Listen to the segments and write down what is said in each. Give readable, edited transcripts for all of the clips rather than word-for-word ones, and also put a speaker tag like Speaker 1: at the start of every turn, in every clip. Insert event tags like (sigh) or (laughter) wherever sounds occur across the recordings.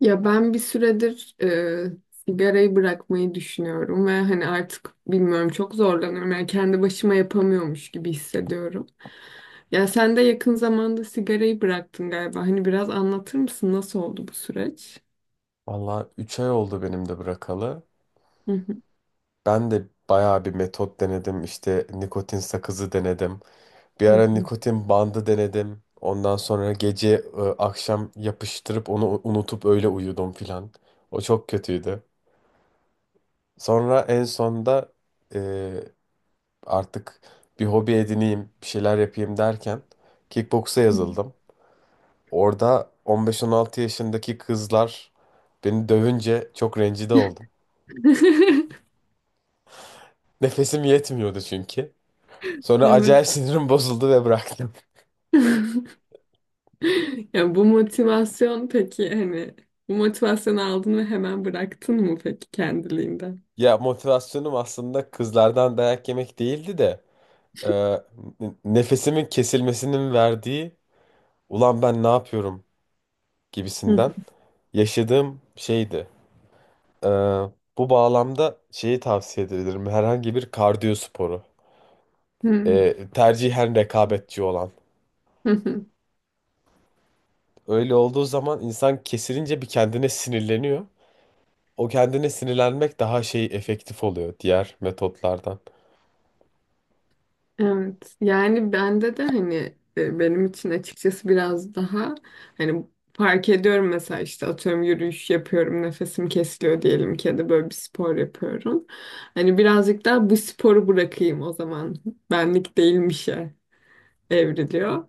Speaker 1: Ya ben bir süredir sigarayı bırakmayı düşünüyorum ve hani artık bilmiyorum, çok zorlanıyorum. Yani kendi başıma yapamıyormuş gibi hissediyorum. Ya sen de yakın zamanda sigarayı bıraktın galiba. Hani biraz anlatır mısın nasıl oldu bu süreç?
Speaker 2: Valla 3 ay oldu benim de bırakalı.
Speaker 1: Hı hı,
Speaker 2: Ben de bayağı bir metot denedim. İşte nikotin sakızı denedim. Bir
Speaker 1: hı
Speaker 2: ara nikotin bandı denedim. Ondan sonra gece akşam yapıştırıp onu unutup öyle uyudum filan. O çok kötüydü. Sonra en sonda e, artık bir hobi edineyim, bir şeyler yapayım derken kickboksa
Speaker 1: hı.
Speaker 2: yazıldım. Orada 15-16 yaşındaki kızlar beni dövünce çok rencide oldum.
Speaker 1: (laughs)
Speaker 2: (laughs) Nefesim yetmiyordu çünkü. Sonra
Speaker 1: Evet.
Speaker 2: acayip sinirim (laughs) bozuldu ve bıraktım.
Speaker 1: (laughs) Ya bu motivasyon peki hani bu motivasyonu aldın ve hemen bıraktın mı peki kendiliğinden?
Speaker 2: Ya motivasyonum aslında kızlardan dayak yemek değildi de e, nefesimin kesilmesinin verdiği ulan ben ne yapıyorum
Speaker 1: Hı
Speaker 2: gibisinden yaşadığım şeydi. E, Bu bağlamda şeyi tavsiye edebilirim. Herhangi bir kardiyo sporu.
Speaker 1: hı.
Speaker 2: Tercihen rekabetçi olan.
Speaker 1: Hı hı.
Speaker 2: Öyle olduğu zaman insan kesilince bir kendine sinirleniyor. O kendine sinirlenmek daha şey efektif oluyor diğer metotlardan.
Speaker 1: Evet, yani bende de hani benim için açıkçası biraz daha hani fark ediyorum, mesela işte atıyorum yürüyüş yapıyorum nefesim kesiliyor diyelim ki ya da böyle bir spor yapıyorum. Hani birazcık daha bu sporu bırakayım o zaman, benlik değilmişe evriliyor.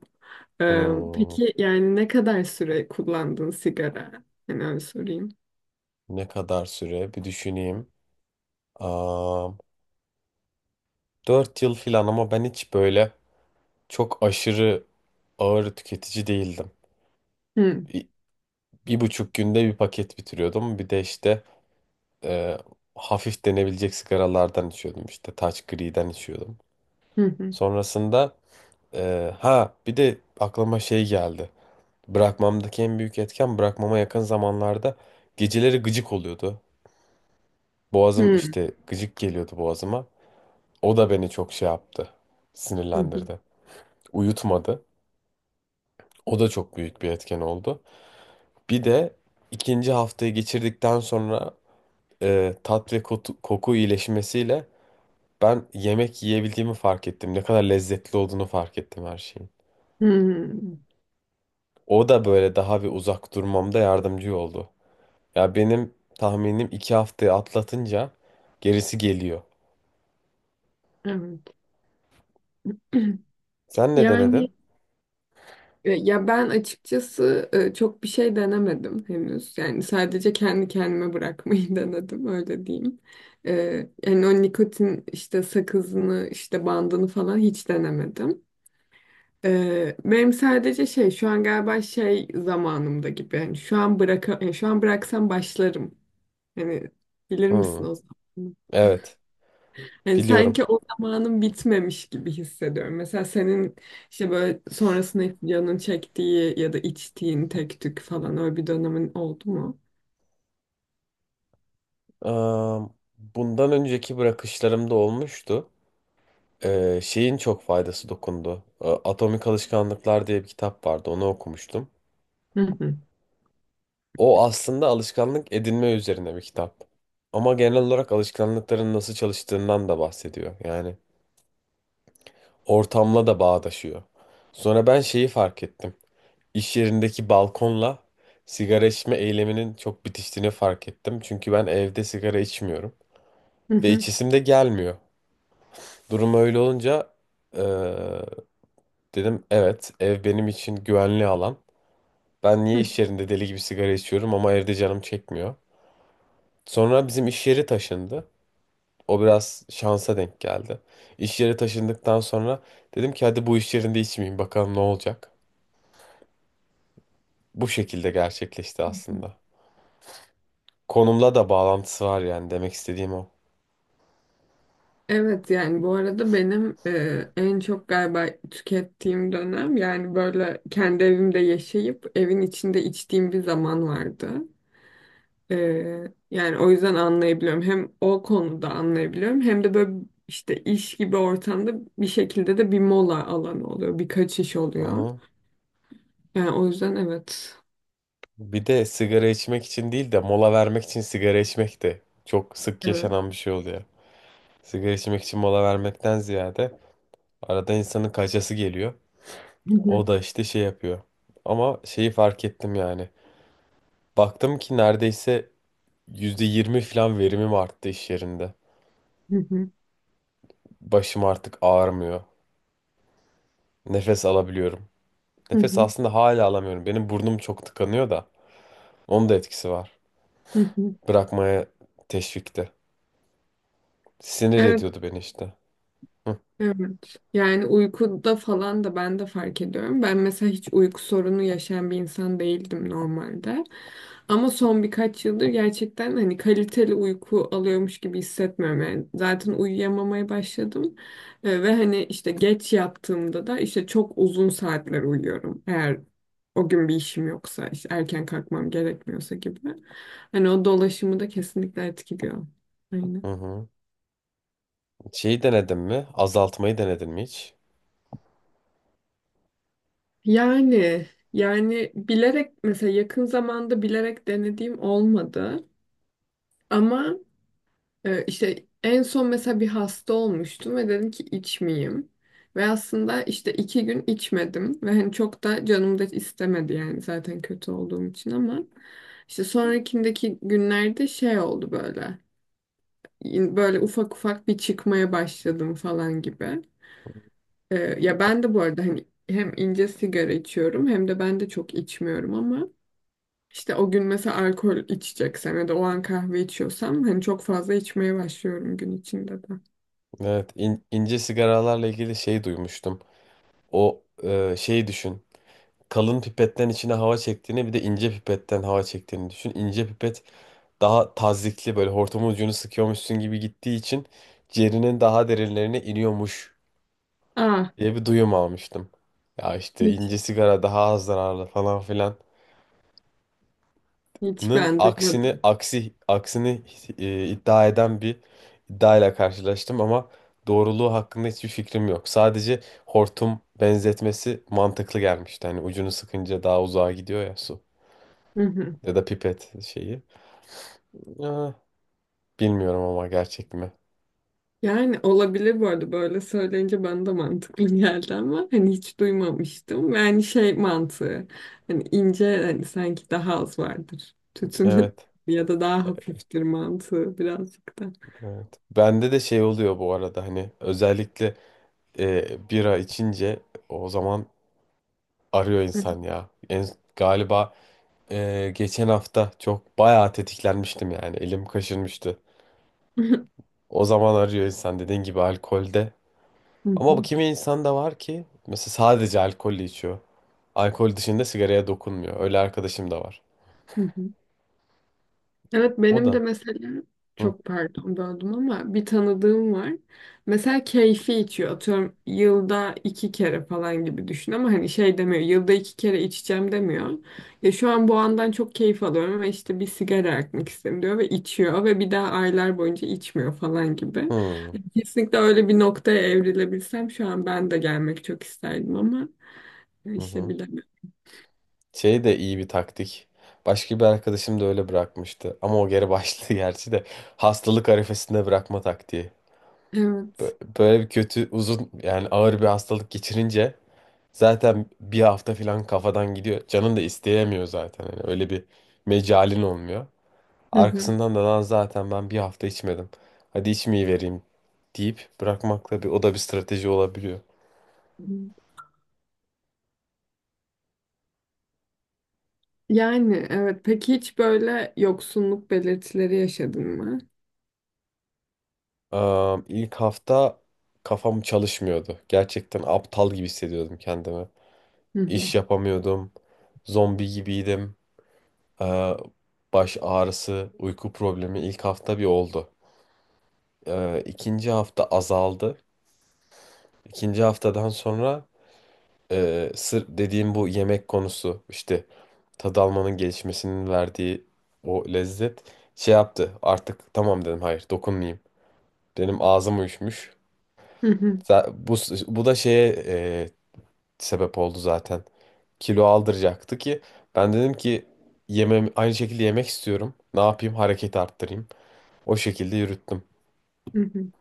Speaker 1: Ee,
Speaker 2: Hmm.
Speaker 1: peki yani ne kadar süre kullandın sigara? Hani öyle sorayım.
Speaker 2: Ne kadar süre? Bir düşüneyim. Aa, 4 yıl filan ama ben hiç böyle çok aşırı ağır tüketici değildim.
Speaker 1: Hı
Speaker 2: Bir, bir buçuk günde bir paket bitiriyordum. Bir de işte e, hafif denebilecek sigaralardan içiyordum. İşte Taç Gri'den içiyordum.
Speaker 1: hı, hı
Speaker 2: Sonrasında ha, bir de aklıma şey geldi. Bırakmamdaki en büyük etken bırakmama yakın zamanlarda geceleri gıcık oluyordu. Boğazım
Speaker 1: hı,
Speaker 2: işte gıcık geliyordu boğazıma. O da beni çok şey yaptı,
Speaker 1: hı hı.
Speaker 2: sinirlendirdi. Uyutmadı. O da çok büyük bir etken oldu. Bir de ikinci haftayı geçirdikten sonra tat ve koku iyileşmesiyle ben yemek yiyebildiğimi fark ettim. Ne kadar lezzetli olduğunu fark ettim her şeyin.
Speaker 1: Hı.
Speaker 2: O da böyle daha bir uzak durmamda yardımcı oldu. Ya benim tahminim 2 haftayı atlatınca gerisi geliyor.
Speaker 1: Evet. (clears throat)
Speaker 2: Sen ne
Speaker 1: Yani
Speaker 2: denedin?
Speaker 1: Ben açıkçası çok bir şey denemedim henüz. Yani sadece kendi kendime bırakmayı (laughs) denedim, öyle diyeyim. E, Yani o nikotin işte sakızını işte bandını falan hiç denemedim. Benim sadece şey, şu an galiba şey zamanımda gibi. Yani şu an yani şu an bıraksam başlarım. Hani bilir misin
Speaker 2: Hı,
Speaker 1: o zaman?
Speaker 2: evet,
Speaker 1: Yani
Speaker 2: biliyorum.
Speaker 1: sanki o zamanın bitmemiş gibi hissediyorum. Mesela senin işte böyle sonrasında canın çektiği ya da içtiğin tek tük falan öyle bir dönemin oldu mu?
Speaker 2: Eee, bundan önceki bırakışlarımda olmuştu. Şeyin çok faydası dokundu. Atomik Alışkanlıklar diye bir kitap vardı. Onu okumuştum.
Speaker 1: Hı hı.
Speaker 2: O aslında alışkanlık edinme üzerine bir kitap. Ama genel olarak alışkanlıkların nasıl çalıştığından da bahsediyor. Yani ortamla da bağdaşıyor. Sonra ben şeyi fark ettim. İş yerindeki balkonla sigara içme eyleminin çok bitiştiğini fark ettim. Çünkü ben evde sigara içmiyorum.
Speaker 1: Hı
Speaker 2: Ve
Speaker 1: hı.
Speaker 2: içisim de gelmiyor. Durum öyle olunca ee, dedim evet ev benim için güvenli alan. Ben niye
Speaker 1: Hı.
Speaker 2: iş yerinde deli gibi sigara içiyorum ama evde canım çekmiyor. Sonra bizim iş yeri taşındı. O biraz şansa denk geldi. İş yeri taşındıktan sonra dedim ki hadi bu iş yerinde içmeyeyim bakalım ne olacak. Bu şekilde gerçekleşti aslında. Konumla da bağlantısı var yani demek istediğim o.
Speaker 1: Evet yani bu arada benim en çok galiba tükettiğim dönem, yani böyle kendi evimde yaşayıp evin içinde içtiğim bir zaman vardı. Yani o yüzden anlayabiliyorum. Hem o konuda anlayabiliyorum hem de böyle işte iş gibi ortamda bir şekilde de bir mola alanı oluyor. Birkaç iş
Speaker 2: Hı
Speaker 1: oluyor.
Speaker 2: hı.
Speaker 1: Yani o yüzden evet.
Speaker 2: Bir de sigara içmek için değil de mola vermek için sigara içmek de çok sık
Speaker 1: Evet.
Speaker 2: yaşanan bir şey oluyor. Sigara içmek için mola vermekten ziyade arada insanın kaçası geliyor. O da işte şey yapıyor. Ama şeyi fark ettim yani. Baktım ki neredeyse %20 falan verimim arttı iş yerinde.
Speaker 1: (laughs)
Speaker 2: Başım artık ağrımıyor. Nefes alabiliyorum. Nefes aslında hala alamıyorum. Benim burnum çok tıkanıyor da. Onun da etkisi var. Bırakmaya teşvikte. Sinir
Speaker 1: Evet,
Speaker 2: ediyordu beni işte. Hı
Speaker 1: evet. Yani uykuda falan da ben de fark ediyorum. Ben mesela hiç uyku sorunu yaşayan bir insan değildim normalde. Ama son birkaç yıldır gerçekten hani kaliteli uyku alıyormuş gibi hissetmiyorum. Yani zaten uyuyamamaya başladım. Ve hani işte geç yattığımda da işte çok uzun saatler uyuyorum. Eğer o gün bir işim yoksa, işte erken kalkmam gerekmiyorsa gibi. Hani o dolaşımı da kesinlikle etkiliyor.
Speaker 2: hı.
Speaker 1: Aynen.
Speaker 2: Hı. Şeyi denedin mi? Azaltmayı denedin mi hiç?
Speaker 1: Yani yani bilerek mesela, yakın zamanda bilerek denediğim olmadı ama işte en son mesela bir hasta olmuştum ve dedim ki içmeyeyim ve aslında işte iki gün içmedim ve hani çok da canım da istemedi yani, zaten kötü olduğum için, ama işte sonrakindeki günlerde şey oldu böyle, böyle ufak ufak bir çıkmaya başladım falan gibi. E, Ya ben de bu arada hani hem ince sigara içiyorum hem de ben de çok içmiyorum ama İşte o gün mesela alkol içeceksem ya da o an kahve içiyorsam hani çok fazla içmeye başlıyorum gün içinde de.
Speaker 2: Evet, ince sigaralarla ilgili şey duymuştum. O şeyi düşün. Kalın pipetten içine hava çektiğini bir de ince pipetten hava çektiğini düşün. İnce pipet daha tazyikli, böyle hortumun ucunu sıkıyormuşsun gibi gittiği için ciğerinin daha derinlerine iniyormuş
Speaker 1: Aa,
Speaker 2: diye bir duyum almıştım. Ya işte ince
Speaker 1: hiç
Speaker 2: sigara daha az zararlı falan filanın
Speaker 1: hiç ben
Speaker 2: aksini
Speaker 1: duymadım.
Speaker 2: aksi aksini iddia eden bir iddiayla karşılaştım ama doğruluğu hakkında hiçbir fikrim yok. Sadece hortum benzetmesi mantıklı gelmişti. Hani ucunu sıkınca daha uzağa gidiyor ya su.
Speaker 1: Hı hı.
Speaker 2: Ya da pipet şeyi. Ah, bilmiyorum ama gerçek mi?
Speaker 1: Yani olabilir, bu arada böyle söyleyince bana da mantıklı (laughs) geldi ama hani hiç duymamıştım. Yani şey mantığı, hani ince, hani sanki daha az vardır tütünü
Speaker 2: Evet,
Speaker 1: (laughs) ya da daha hafiftir mantığı birazcık da.
Speaker 2: evet. Bende de şey oluyor bu arada hani özellikle bira içince o zaman arıyor insan ya. Galiba geçen hafta çok bayağı tetiklenmiştim yani elim kaşınmıştı.
Speaker 1: (laughs)
Speaker 2: O zaman arıyor insan dediğin gibi alkolde.
Speaker 1: Hı
Speaker 2: Ama bu
Speaker 1: hı.
Speaker 2: kimi insan da var ki mesela sadece alkolle içiyor. Alkol dışında sigaraya dokunmuyor. Öyle arkadaşım da var.
Speaker 1: Hı hı. Evet
Speaker 2: O
Speaker 1: benim de
Speaker 2: da.
Speaker 1: mesela,
Speaker 2: Hı
Speaker 1: çok pardon böldüm ama, bir tanıdığım var. Mesela keyfi içiyor. Atıyorum yılda iki kere falan gibi düşün ama hani şey demiyor. Yılda iki kere içeceğim demiyor. Ya şu an bu andan çok keyif alıyorum ama işte bir sigara yakmak istedim diyor ve içiyor ve bir daha aylar boyunca içmiyor falan gibi.
Speaker 2: hı.
Speaker 1: Kesinlikle öyle bir noktaya evrilebilsem şu an ben de gelmek çok isterdim ama
Speaker 2: Hı
Speaker 1: işte
Speaker 2: hı.
Speaker 1: bilemiyorum.
Speaker 2: Şey de iyi bir taktik. Başka bir arkadaşım da öyle bırakmıştı. Ama o geri başladı (laughs) gerçi de. Hastalık arifesinde bırakma taktiği.
Speaker 1: Evet.
Speaker 2: Böyle bir kötü, uzun, yani ağır bir hastalık geçirince zaten bir hafta falan kafadan gidiyor. Canın da isteyemiyor zaten. Hani öyle bir mecalin olmuyor.
Speaker 1: Hı hı.
Speaker 2: Arkasından da lan zaten ben bir hafta içmedim. Hadi içmeyi vereyim deyip bırakmakla, bir o da bir strateji olabiliyor.
Speaker 1: Yani evet. Peki hiç böyle yoksunluk belirtileri yaşadın mı?
Speaker 2: İlk hafta kafam çalışmıyordu. Gerçekten aptal gibi hissediyordum kendimi.
Speaker 1: Hı hı.
Speaker 2: İş yapamıyordum. Zombi gibiydim. Ee, baş ağrısı, uyku problemi ilk hafta bir oldu. İkinci hafta azaldı. İkinci haftadan sonra sır dediğim bu yemek konusu, işte tad almanın gelişmesinin verdiği o lezzet şey yaptı. Artık tamam dedim, hayır, dokunmayayım. Benim ağzım uyuşmuş.
Speaker 1: Hı hı.
Speaker 2: Za- Bu, bu da şeye sebep oldu zaten. Kilo aldıracaktı ki ben dedim ki yemem aynı şekilde, yemek istiyorum. Ne yapayım? Hareket arttırayım. O şekilde yürüttüm.
Speaker 1: Hı hı.